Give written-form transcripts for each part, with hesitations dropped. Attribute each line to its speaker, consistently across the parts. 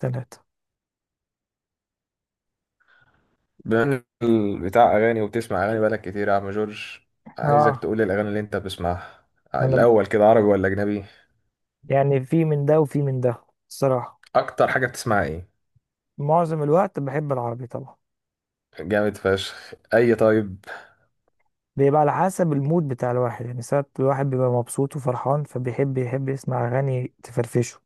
Speaker 1: ثلاثة.
Speaker 2: بما إنك بتاع اغاني وبتسمع اغاني بقالك كتير يا عم جورج، عايزك
Speaker 1: اه،
Speaker 2: تقول لي الاغاني اللي انت بتسمعها.
Speaker 1: انا ب-
Speaker 2: الاول كده عربي ولا اجنبي؟
Speaker 1: يعني في من ده وفي من ده، الصراحة.
Speaker 2: اكتر حاجه بتسمعها ايه؟
Speaker 1: معظم الوقت بحب العربي طبعا.
Speaker 2: جامد فشخ. اي طيب
Speaker 1: بيبقى على حسب المود بتاع الواحد، يعني ساعات الواحد بيبقى مبسوط وفرحان فبيحب يسمع أغاني تفرفشه.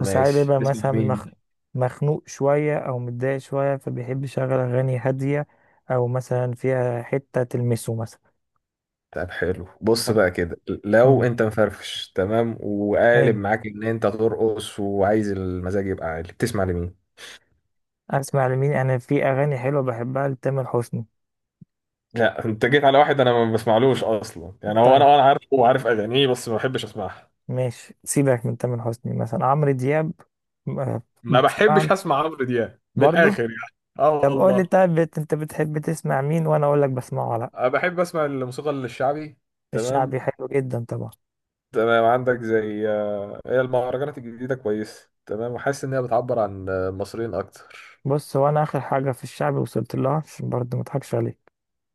Speaker 1: وساعات بيبقى
Speaker 2: تسمع
Speaker 1: مثلا
Speaker 2: مين؟
Speaker 1: مخنوق شوية أو متضايق شوية، فبيحب يشغل أغاني هادية، أو مثلا فيها حتة تلمسه مثلا.
Speaker 2: طب حلو، بص بقى كده، لو
Speaker 1: امم
Speaker 2: انت مفرفش تمام وقالب
Speaker 1: حلو.
Speaker 2: معاك ان انت ترقص وعايز المزاج يبقى عالي بتسمع لمين؟
Speaker 1: أسمع لمين؟ أنا في أغاني حلوة بحبها لتامر حسني.
Speaker 2: لا انت جيت على واحد انا ما بسمعلوش اصلا، يعني هو انا
Speaker 1: طيب،
Speaker 2: انا عارفه وعارف اغانيه بس ما بحبش اسمعها.
Speaker 1: ماشي، سيبك من تامر حسني، مثلا عمرو دياب م- آه،
Speaker 2: ما
Speaker 1: بسمع
Speaker 2: بحبش
Speaker 1: له
Speaker 2: اسمع عمرو دياب من
Speaker 1: برضه.
Speaker 2: الاخر يعني. اه
Speaker 1: طب قول
Speaker 2: والله.
Speaker 1: لي، طيب انت بتحب تسمع مين وانا اقول لك بسمعه ولا لا؟
Speaker 2: أنا بحب أسمع الموسيقى الشعبي.
Speaker 1: الشعبي
Speaker 2: تمام.
Speaker 1: حلو جدا طبعا.
Speaker 2: تمام عندك، زي هي المهرجانات الجديدة كويسة تمام وحاسس إنها بتعبر عن المصريين أكتر.
Speaker 1: بص، هو انا اخر حاجه في الشعبي وصلت لها عشان برضه ما اضحكش عليك،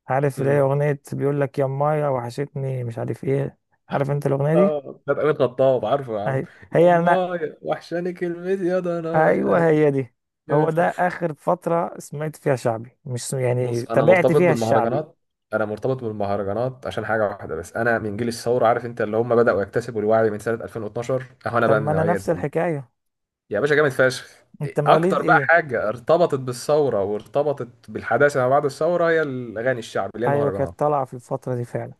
Speaker 1: عارف اللي هي
Speaker 2: مم.
Speaker 1: اغنيه بيقول لك يا مايا وحشتني مش عارف ايه. عارف انت الاغنيه دي؟
Speaker 2: آه بتاعت أمين خطاب، عارفه يا عم؟
Speaker 1: أهي. هي انا
Speaker 2: يما وحشاني كلمتي يا ضناي أنا.
Speaker 1: ايوه هي دي. هو
Speaker 2: جامد
Speaker 1: ده
Speaker 2: ف-
Speaker 1: اخر فتره سمعت فيها شعبي، مش
Speaker 2: بص
Speaker 1: يعني
Speaker 2: أنا
Speaker 1: تابعت
Speaker 2: مرتبط
Speaker 1: فيها الشعبي.
Speaker 2: بالمهرجانات. أنا مرتبط بالمهرجانات عشان حاجة واحدة بس، أنا من جيل الثورة، عارف أنت اللي هم بدأوا يكتسبوا الوعي من سنة 2012، أهو أنا
Speaker 1: طب
Speaker 2: بقى من
Speaker 1: ما انا
Speaker 2: النوعية
Speaker 1: نفس
Speaker 2: دي.
Speaker 1: الحكايه.
Speaker 2: يا باشا جامد فشخ.
Speaker 1: انت مواليد
Speaker 2: اكتر بقى
Speaker 1: ايه؟
Speaker 2: حاجه ارتبطت بالثوره وارتبطت بالحداثه ما بعد الثوره هي الاغاني الشعب اللي هي
Speaker 1: ايوه، كانت
Speaker 2: المهرجانات.
Speaker 1: طالعه في الفتره دي فعلا،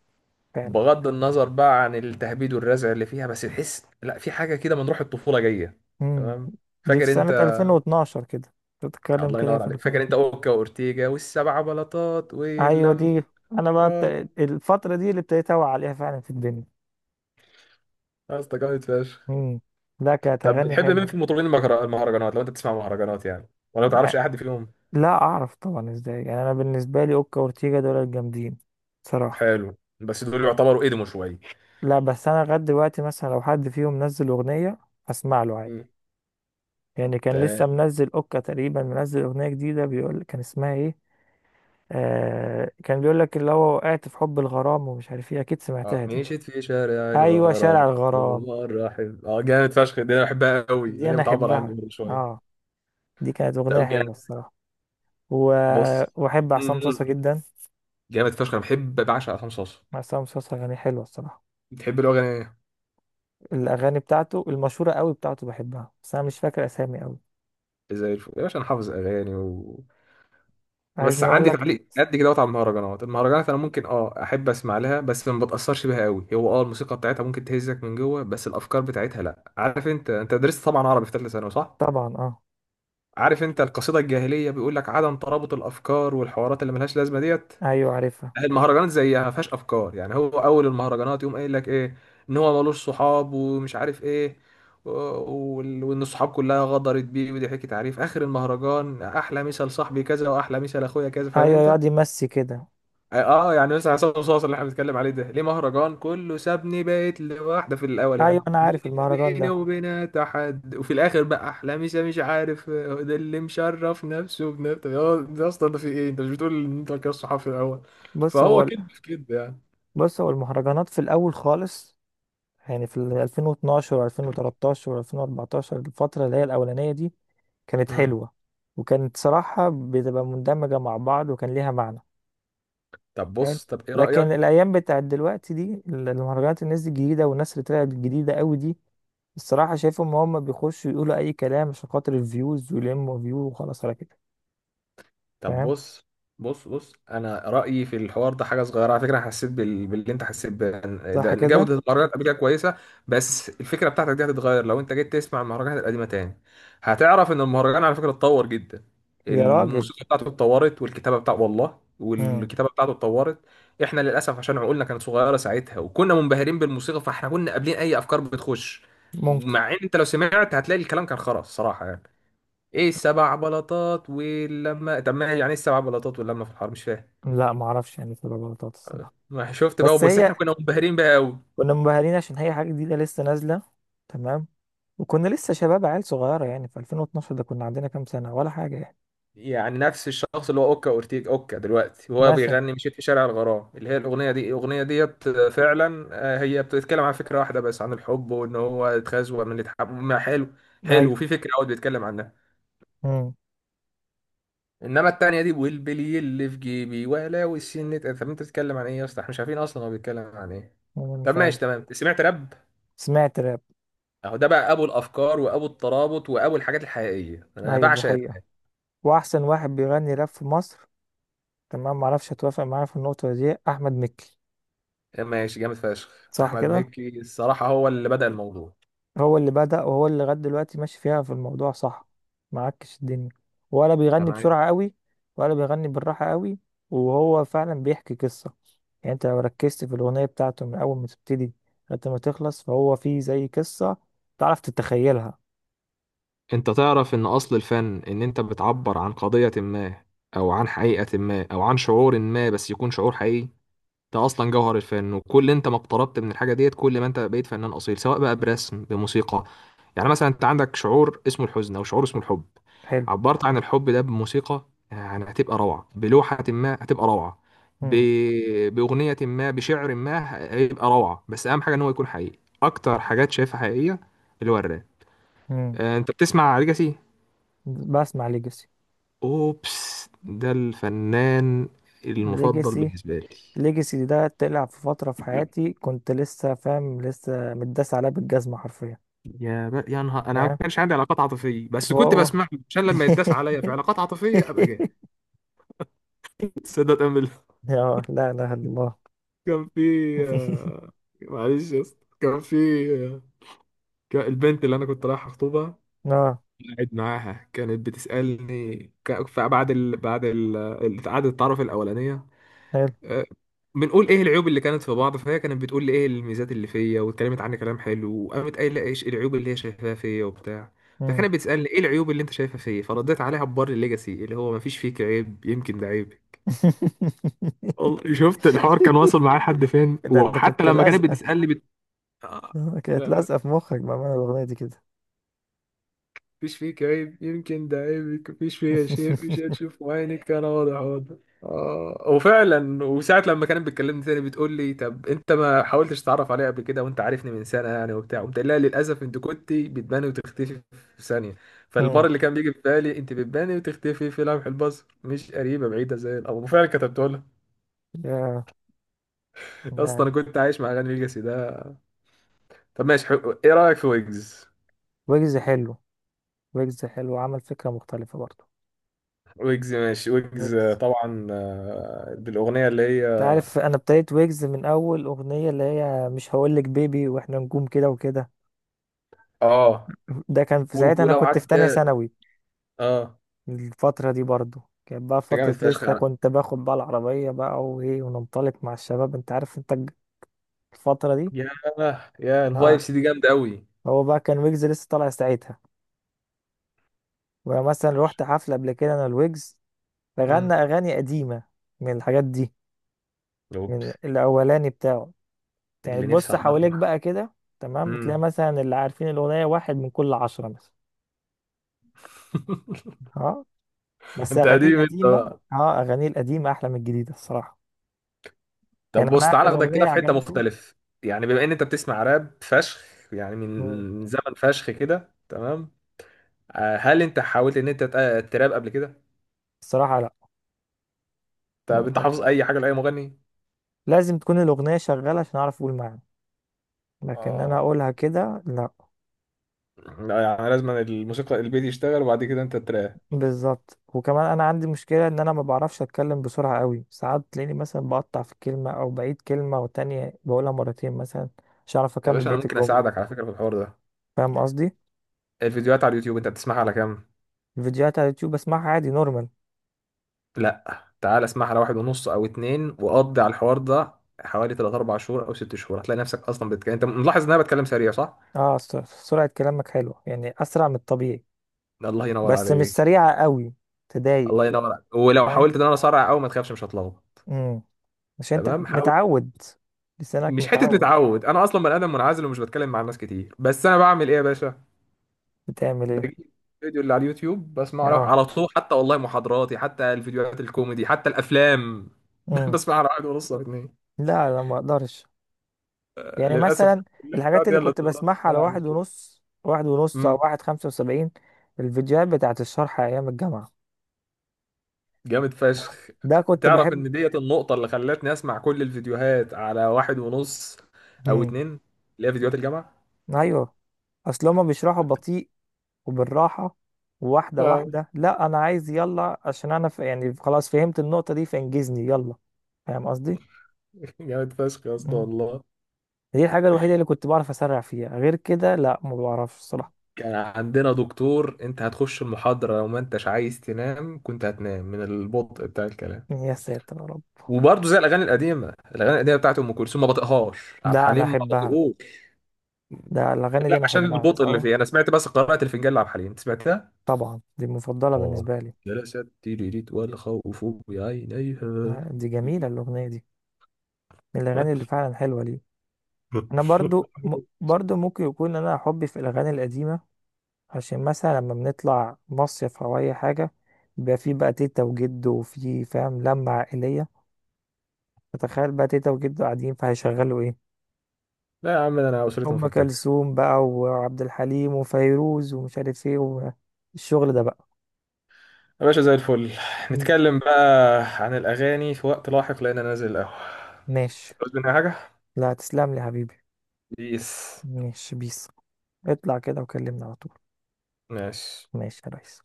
Speaker 1: فعلا.
Speaker 2: بغض النظر بقى عن التهبيد والرزع اللي فيها بس تحس لا في حاجه كده من روح الطفوله جايه.
Speaker 1: امم
Speaker 2: تمام.
Speaker 1: دي في
Speaker 2: فاكر انت،
Speaker 1: سنه 2012 كده. بتتكلم
Speaker 2: الله
Speaker 1: كده
Speaker 2: ينور
Speaker 1: في
Speaker 2: عليك، فاكر انت
Speaker 1: 2012؟
Speaker 2: اوكا واورتيجا والسبع بلاطات
Speaker 1: ايوه
Speaker 2: واللمبرات؟
Speaker 1: دي. انا بقى بت... الفتره دي اللي ابتديت اوعى عليها فعلا في الدنيا.
Speaker 2: يا اسطى جامد فشخ.
Speaker 1: امم لا، كانت
Speaker 2: طب
Speaker 1: اغاني
Speaker 2: بتحب مين
Speaker 1: حلوه.
Speaker 2: في المطربين المهرجانات، لو انت بتسمع مهرجانات يعني، ولا ما تعرفش
Speaker 1: لا،
Speaker 2: اي حد فيهم؟
Speaker 1: لا اعرف طبعا، ازاي يعني؟ انا بالنسبه لي اوكا وأورتيجا دول الجامدين، صراحه.
Speaker 2: حلو، بس دول يعتبروا قدموا شويه.
Speaker 1: لا، بس انا لغايه دلوقتي مثلا لو حد فيهم نزل اغنيه، اسمع له عادي.
Speaker 2: مم.
Speaker 1: يعني كان لسه
Speaker 2: تمام.
Speaker 1: منزل اوكا تقريبا، منزل اغنيه جديده، بيقول كان اسمها ايه؟ آه، كان بيقول لك اللي هو وقعت في حب الغرام ومش عارف ايه، اكيد
Speaker 2: اه
Speaker 1: سمعتها دي.
Speaker 2: مشيت في شارع
Speaker 1: ايوه شارع
Speaker 2: الغرام،
Speaker 1: الغرام.
Speaker 2: والله الرحيم، اه جامد فشخ، دي انا بحبها قوي
Speaker 1: دي
Speaker 2: لان هي
Speaker 1: انا
Speaker 2: بتعبر عني
Speaker 1: احبها.
Speaker 2: برضه
Speaker 1: اه،
Speaker 2: شويه.
Speaker 1: دي كانت اغنيه
Speaker 2: طب
Speaker 1: حلوه
Speaker 2: جامد.
Speaker 1: الصراحه. و...
Speaker 2: بص.
Speaker 1: واحب
Speaker 2: مم.
Speaker 1: عصام صاصا جدا.
Speaker 2: جامد فشخ، انا بحب بعشق عصام صاصا.
Speaker 1: عصام صاصا اغاني حلوه الصراحه.
Speaker 2: بتحب له اغاني ايه؟
Speaker 1: الاغاني بتاعته المشهوره قوي بتاعته بحبها، بس انا مش فاكر اسامي قوي.
Speaker 2: زي الفل يا باشا، انا حافظ اغاني و... بس
Speaker 1: عايزني اقول
Speaker 2: عندي
Speaker 1: لك؟
Speaker 2: تعليق قد كده وقت على المهرجانات، المهرجانات انا ممكن اه احب اسمع لها بس ما بتاثرش بيها قوي، هو اه الموسيقى بتاعتها ممكن تهزك من جوه بس الافكار بتاعتها لا. عارف انت، انت درست طبعا عربي في ثالثه ثانوي صح؟
Speaker 1: طبعا اه.
Speaker 2: عارف انت القصيده الجاهليه بيقول لك عدم ترابط الافكار والحوارات اللي ملهاش لازمه ديت؟
Speaker 1: ايوه عارفها.
Speaker 2: المهرجانات زيها ما فيهاش افكار، يعني هو اول المهرجانات يقوم قايل لك ايه؟ ان هو ملوش صحاب ومش عارف ايه، وان الصحاب كلها غدرت بيه، ودي حكي تعريف. اخر المهرجان احلى مثال صاحبي كذا واحلى مثال اخويا كذا، فاهم
Speaker 1: ايوه
Speaker 2: انت؟
Speaker 1: يقعد يمسي كده.
Speaker 2: اه. يعني مثلا عصام صاصا اللي احنا بنتكلم عليه ده ليه مهرجان كله سابني بقيت لوحده، في الاول يعني
Speaker 1: ايوه انا عارف
Speaker 2: دنيا
Speaker 1: المهرجان
Speaker 2: بيني
Speaker 1: ده.
Speaker 2: وبينها تحد، وفي الاخر بقى احلامي مش عارف ده اللي مشرف نفسه بنفسه، يا ده اصلا ده في ايه؟ انت مش بتقول ان انت كده الصحافي الاول؟
Speaker 1: بص
Speaker 2: فهو
Speaker 1: هو
Speaker 2: كده في كده يعني.
Speaker 1: بص، هو المهرجانات في الاول خالص، يعني في ال 2012 و2013 و2014، الفترة اللي هي الأولانية دي كانت
Speaker 2: مم.
Speaker 1: حلوة. وكانت صراحة بتبقى مندمجة مع بعض وكان ليها معنى.
Speaker 2: طب
Speaker 1: حلو.
Speaker 2: بص، طب ايه
Speaker 1: لكن
Speaker 2: رايك؟
Speaker 1: الأيام بتاعت دلوقتي دي، المهرجانات، الناس دي الجديدة والناس اللي طلعت الجديدة قوي دي، الصراحة شايفهم هم بيخشوا يقولوا أي كلام عشان خاطر الفيوز ويلموا فيو وخلاص على كده.
Speaker 2: طب
Speaker 1: فاهم؟
Speaker 2: بص انا رايي في الحوار ده حاجه صغيره على فكره. أنا حسيت باللي انت
Speaker 1: صح
Speaker 2: ده، ان
Speaker 1: كده.
Speaker 2: جوده المهرجانات قبل كده كويسه. بس الفكره بتاعتك دي هتتغير لو انت جيت تسمع المهرجانات القديمه تاني. هتعرف ان المهرجان على فكره اتطور جدا،
Speaker 1: يا راجل.
Speaker 2: الموسيقى بتاعته اتطورت والكتابه بتاعته، والله
Speaker 1: مم.
Speaker 2: والكتابه بتاعته اتطورت. احنا للاسف عشان عقولنا كانت صغيره ساعتها وكنا منبهرين بالموسيقى فاحنا كنا قابلين اي افكار بتخش.
Speaker 1: ممكن.
Speaker 2: مع ان انت لو سمعت هتلاقي الكلام كان خرا الصراحه يعني. ايه السبع بلاطات واللمه؟ طب ما يعني ايه السبع بلاطات واللمه في الحرب؟ مش فاهم.
Speaker 1: لا معرفش، يعني تبقى غلطات الصراحة.
Speaker 2: ما شفت بقى،
Speaker 1: بس
Speaker 2: بس احنا
Speaker 1: هي
Speaker 2: كنا منبهرين بقى قوي.
Speaker 1: كنا منبهرين عشان هي حاجة جديدة لسه نازلة. تمام. وكنا لسه شباب عيال صغيرة، يعني في 2012 ده كنا عندنا كام سنة ولا حاجة يعني.
Speaker 2: يعني نفس الشخص اللي هو اوكا اورتيج اوكا دلوقتي وهو
Speaker 1: مثلا.
Speaker 2: بيغني مشيت في شارع الغرام اللي هي الاغنيه دي، الاغنيه ديت فعلا هي بتتكلم عن فكره واحده بس، عن الحب وان هو اتخزوه من اللي اتحب، ما حلو. حلو وفي
Speaker 1: أيوه.
Speaker 2: فكره قوي بيتكلم عنها.
Speaker 1: مم.
Speaker 2: انما التانيه دي، والبلي اللي في جيبي، ولا والسن، طب انت بتتكلم عن ايه يا اسطى؟ احنا مش عارفين اصلا هو بيتكلم عن ايه.
Speaker 1: أنا
Speaker 2: طب
Speaker 1: مش
Speaker 2: ماشي
Speaker 1: عارف.
Speaker 2: تمام. سمعت راب؟
Speaker 1: سمعت راب.
Speaker 2: اهو ده بقى ابو الافكار وابو الترابط وابو الحاجات الحقيقيه. انا
Speaker 1: أيوه دي
Speaker 2: بعشق
Speaker 1: حقيقة.
Speaker 2: الراب.
Speaker 1: وأحسن واحد بيغني راب في مصر، تمام، معرفش هتوافق معايا في النقطة دي، أحمد مكي.
Speaker 2: ماشي جامد فشخ.
Speaker 1: صح
Speaker 2: احمد
Speaker 1: كده؟
Speaker 2: مكي الصراحه هو اللي بدأ الموضوع.
Speaker 1: هو اللي بدأ وهو اللي لغاية دلوقتي ماشي فيها في الموضوع، صح، معكش الدنيا، ولا بيغني
Speaker 2: تمام.
Speaker 1: بسرعة قوي، ولا بيغني بالراحة قوي. وهو فعلا بيحكي قصة، يعني انت لو ركزت في الأغنية بتاعته من أول ما تبتدي لغاية ما تخلص، فهو فيه زي قصة تعرف تتخيلها.
Speaker 2: انت تعرف ان اصل الفن ان انت بتعبر عن قضية ما، او عن حقيقة ما، او عن شعور ما، بس يكون شعور حقيقي. انت اصلا جوهر الفن، وكل انت ما اقتربت من الحاجه ديت كل ما انت بقيت فنان اصيل، سواء بقى برسم بموسيقى. يعني مثلا انت عندك شعور اسمه الحزن او شعور اسمه الحب،
Speaker 1: حلو.
Speaker 2: عبرت عن الحب ده بموسيقى يعني هتبقى روعه، بلوحه ما هتبقى روعه، ب...
Speaker 1: مم.
Speaker 2: باغنيه ما، بشعر ما، هيبقى روعه. بس اهم حاجه ان هو يكون حقيقي. اكتر حاجات شايفها حقيقيه اللي هو الراب.
Speaker 1: مم.
Speaker 2: انت بتسمع ليجاسي؟
Speaker 1: بسمع ليجاسي.
Speaker 2: اوبس ده الفنان المفضل
Speaker 1: ليجاسي.
Speaker 2: بالنسبه لي.
Speaker 1: ليجاسي ده طلع في فترة في حياتي كنت لسه متداس عليها بالجزمة حرفيا.
Speaker 2: يا نهار، انا ما
Speaker 1: فاهم.
Speaker 2: كانش عندي علاقات عاطفيه بس كنت
Speaker 1: وهو
Speaker 2: بسمع له عشان لما يتداس عليا في علاقات عاطفيه ابقى جاي. تصدق تأمل.
Speaker 1: اه، لا اله الا الله.
Speaker 2: كان في آه، معلش يا اسطى، كان في آه، كان البنت اللي انا كنت رايح اخطبها
Speaker 1: اه.
Speaker 2: قاعد معاها كانت بتسالني، بعد قعدة التعارف الاولانيه،
Speaker 1: حلو.
Speaker 2: آه، بنقول ايه العيوب اللي كانت في بعض، فهي كانت بتقول لي ايه الميزات اللي فيا واتكلمت عني كلام حلو، وقامت قايله ايش العيوب اللي هي شايفاها فيا وبتاع.
Speaker 1: مم.
Speaker 2: فكانت بتسالني ايه العيوب اللي انت شايفها فيا، فرديت عليها ببر الليجاسي اللي هو مفيش فيك عيب يمكن ده عيب. والله شفت الحوار كان واصل معايا لحد فين.
Speaker 1: ده انت
Speaker 2: وحتى
Speaker 1: كنت
Speaker 2: لما كانت
Speaker 1: لازقه.
Speaker 2: بتسألني بت... آه،
Speaker 1: آه، كانت
Speaker 2: لا
Speaker 1: لازقه في مخك بقى، معنى الاغنيه دي كده.
Speaker 2: مفيش فيك عيب يمكن ده عيبك، مفيش فيها شيء مش هتشوف عينك، انا واضح. اه وفعلا، وساعة لما كانت بتكلمني تاني بتقول لي طب انت ما حاولتش تتعرف عليا قبل كده وانت عارفني من سنة يعني وبتاع، قلت لها للاسف انت كنت بتباني وتختفي في ثانية. فالبار
Speaker 1: مم.
Speaker 2: اللي كان بيجي في بالي انت بتباني وتختفي في لمح البصر، مش قريبة بعيدة زي الاول، وفعلا كتبت لها.
Speaker 1: يا. لا.
Speaker 2: اصلا انا كنت عايش مع اغاني ليجاسي ده. طب ماشي حلو. ايه رأيك في ويجز؟
Speaker 1: ويجز حلو. ويجز حلو، عمل فكره مختلفه برضه.
Speaker 2: ويجز ماشي، ويجز
Speaker 1: ويجز،
Speaker 2: طبعا بالاغنية اللي هي
Speaker 1: انت عارف انا ابتديت ويجز من اول اغنيه اللي هي مش هقولك بيبي واحنا نجوم كده وكده.
Speaker 2: اه
Speaker 1: ده كان في ساعتها انا
Speaker 2: ورجوله
Speaker 1: كنت في تانية
Speaker 2: وعجل.
Speaker 1: ثانوي.
Speaker 2: اه.
Speaker 1: الفترة دي برضو كانت بقى
Speaker 2: انت جامد
Speaker 1: فترة،
Speaker 2: فشخ يا
Speaker 1: لسه
Speaker 2: عم.
Speaker 1: كنت باخد بقى العربية بقى وإيه وننطلق مع الشباب، أنت عارف الفترة دي.
Speaker 2: يا يا
Speaker 1: آه،
Speaker 2: الفايبس دي جامده قوي.
Speaker 1: هو بقى كان ويجز لسه طالع ساعتها، ومثلا روحت حفلة قبل كده أنا الويجز، فغنى
Speaker 2: امم.
Speaker 1: أغاني قديمة من الحاجات دي، من
Speaker 2: اوبس.
Speaker 1: الأولاني بتاعه. يعني
Speaker 2: اللي نفسي
Speaker 1: تبص
Speaker 2: احضر
Speaker 1: حواليك
Speaker 2: له.
Speaker 1: بقى كده، تمام، تلاقي
Speaker 2: امم.
Speaker 1: مثلا اللي عارفين الأغنية واحد من كل 10 مثلا. آه، بس
Speaker 2: انت
Speaker 1: أغانيه
Speaker 2: قديم انت
Speaker 1: القديمة،
Speaker 2: بقى.
Speaker 1: آه أغانيه القديمة أحلى من الجديدة الصراحة.
Speaker 2: طب
Speaker 1: يعني
Speaker 2: بص
Speaker 1: أنا
Speaker 2: تعالى
Speaker 1: آخر
Speaker 2: اخدك كده
Speaker 1: أغنية
Speaker 2: في حته
Speaker 1: عجبته.
Speaker 2: مختلف. يعني بما ان انت بتسمع راب فشخ، يعني من
Speaker 1: مم.
Speaker 2: من زمن فشخ كده تمام، هل انت حاولت ان انت تراب قبل كده؟
Speaker 1: الصراحة لا. عشان ما
Speaker 2: طب انت
Speaker 1: اضحكش
Speaker 2: حافظ
Speaker 1: عليك،
Speaker 2: اي حاجه لاي مغني؟
Speaker 1: لازم تكون الاغنيه شغاله عشان اعرف اقول معاها، لكن انا
Speaker 2: اه.
Speaker 1: اقولها كده لا.
Speaker 2: لا يعني لازم الموسيقى البيت يشتغل وبعد كده انت تراب.
Speaker 1: بالظبط، وكمان انا عندي مشكله ان انا ما بعرفش اتكلم بسرعه قوي، ساعات تلاقيني مثلا بقطع في كلمه او بعيد كلمه وتانية بقولها مرتين مثلا، مش عارف
Speaker 2: يا
Speaker 1: اكمل
Speaker 2: باشا انا
Speaker 1: بقيه
Speaker 2: ممكن اساعدك
Speaker 1: الجمله.
Speaker 2: على فكره في الحوار ده.
Speaker 1: فاهم قصدي؟
Speaker 2: الفيديوهات على اليوتيوب انت بتسمعها على كام؟
Speaker 1: الفيديوهات على اليوتيوب بسمعها عادي نورمال.
Speaker 2: لا تعال اسمعها على واحد ونص او اتنين وقضي على الحوار ده. حوالي 3 4 شهور او 6 شهور هتلاقي نفسك اصلا بتتكلم. انت ملاحظ ان انا بتكلم سريع صح؟
Speaker 1: اه، سرعه كلامك حلوه يعني، اسرع من الطبيعي،
Speaker 2: ده الله ينور
Speaker 1: بس مش
Speaker 2: عليك.
Speaker 1: سريعه قوي. تضايق.
Speaker 2: الله ينور عليك، ولو
Speaker 1: اه.
Speaker 2: حاولت ان انا اسرع قوي ما تخافش مش هتلخبط.
Speaker 1: امم عشان
Speaker 2: تمام
Speaker 1: انت
Speaker 2: حاول.
Speaker 1: متعود، لسانك
Speaker 2: مش حته
Speaker 1: متعود.
Speaker 2: نتعود، انا اصلا بني ادم منعزل ومش بتكلم مع الناس كتير، بس انا بعمل ايه يا باشا؟
Speaker 1: بتعمل ايه؟
Speaker 2: بجيب الفيديو اللي على اليوتيوب بسمعه على طول، حتى والله محاضراتي، حتى الفيديوهات الكوميدي، حتى الافلام.
Speaker 1: اه
Speaker 2: بسمعها على واحد ونص او اتنين.
Speaker 1: لا لا ما اقدرش. يعني
Speaker 2: للاسف
Speaker 1: مثلا
Speaker 2: الكليه
Speaker 1: الحاجات
Speaker 2: بتاعتي هي
Speaker 1: اللي
Speaker 2: اللي
Speaker 1: كنت
Speaker 2: اتضررت
Speaker 1: بسمعها
Speaker 2: ان
Speaker 1: على
Speaker 2: انا اعمل
Speaker 1: واحد
Speaker 2: كده.
Speaker 1: ونص او
Speaker 2: امم.
Speaker 1: 1.75، الفيديوهات بتاعت الشرح ايام الجامعة
Speaker 2: جامد فشخ.
Speaker 1: ده كنت
Speaker 2: تعرف
Speaker 1: بحب.
Speaker 2: ان ديت النقطه اللي خلتني اسمع كل الفيديوهات على واحد ونص او
Speaker 1: مم.
Speaker 2: اتنين، اللي هي فيديوهات الجامعه.
Speaker 1: ايوه. اصل هما بيشرحوا بطيء وبالراحة، واحدة
Speaker 2: آه،
Speaker 1: واحدة. لا انا عايز يلا، عشان انا ف... يعني خلاص فهمت النقطة دي فانجزني يلا. فاهم قصدي؟
Speaker 2: جامد فشخ يا اسطى
Speaker 1: مم.
Speaker 2: والله.
Speaker 1: دي الحاجة الوحيدة اللي كنت بعرف اسرع فيها، غير كده لا ما بعرفش الصراحة.
Speaker 2: كان عندنا دكتور انت هتخش المحاضره لو ما انتش عايز تنام كنت هتنام من البطء بتاع الكلام.
Speaker 1: يا ساتر يا رب.
Speaker 2: وبرضه زي الاغاني القديمه، الاغاني القديمه بتاعت ام كلثوم ما بطيقهاش، عبد
Speaker 1: ده انا
Speaker 2: الحليم ما
Speaker 1: احبها،
Speaker 2: بطيقوش.
Speaker 1: ده الاغاني
Speaker 2: لا
Speaker 1: دي انا
Speaker 2: عشان
Speaker 1: احبها
Speaker 2: البطء اللي
Speaker 1: تصور.
Speaker 2: فيه. انا سمعت بس قراءه الفنجان لعبد الحليم، أنت سمعتها؟
Speaker 1: طبعا دي المفضلة
Speaker 2: اه.
Speaker 1: بالنسبة لي.
Speaker 2: جلست تيريريت والخوف بعينيها.
Speaker 1: آه، دي جميلة الأغنية دي، من الأغاني اللي فعلا حلوة لي. أنا برضو م... برضو ممكن يكون أنا حبي في الأغاني القديمة، عشان مثلا لما بنطلع مصيف أو أي حاجة بيبقى في بقى تيتا وجد، وفي فاهم لمة عائلية، فتخيل بقى تيتا وجد قاعدين فهيشغلوا إيه؟
Speaker 2: لا يا عم ده انا اسرتي
Speaker 1: أم
Speaker 2: مفككه.
Speaker 1: كلثوم بقى وعبد الحليم وفيروز ومش عارف إيه، والشغل ده بقى.
Speaker 2: يا باشا زي الفل.
Speaker 1: مم.
Speaker 2: نتكلم بقى عن الاغاني في وقت لاحق لان انا نازل القهوه.
Speaker 1: ماشي.
Speaker 2: عاوز مني حاجه؟
Speaker 1: لا تسلم لي يا حبيبي.
Speaker 2: بيس.
Speaker 1: ماشي بيس. اطلع كده وكلمني على طول.
Speaker 2: ماشي.
Speaker 1: ماشي يا ريس.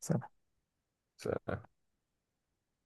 Speaker 1: سلام.
Speaker 2: سلام.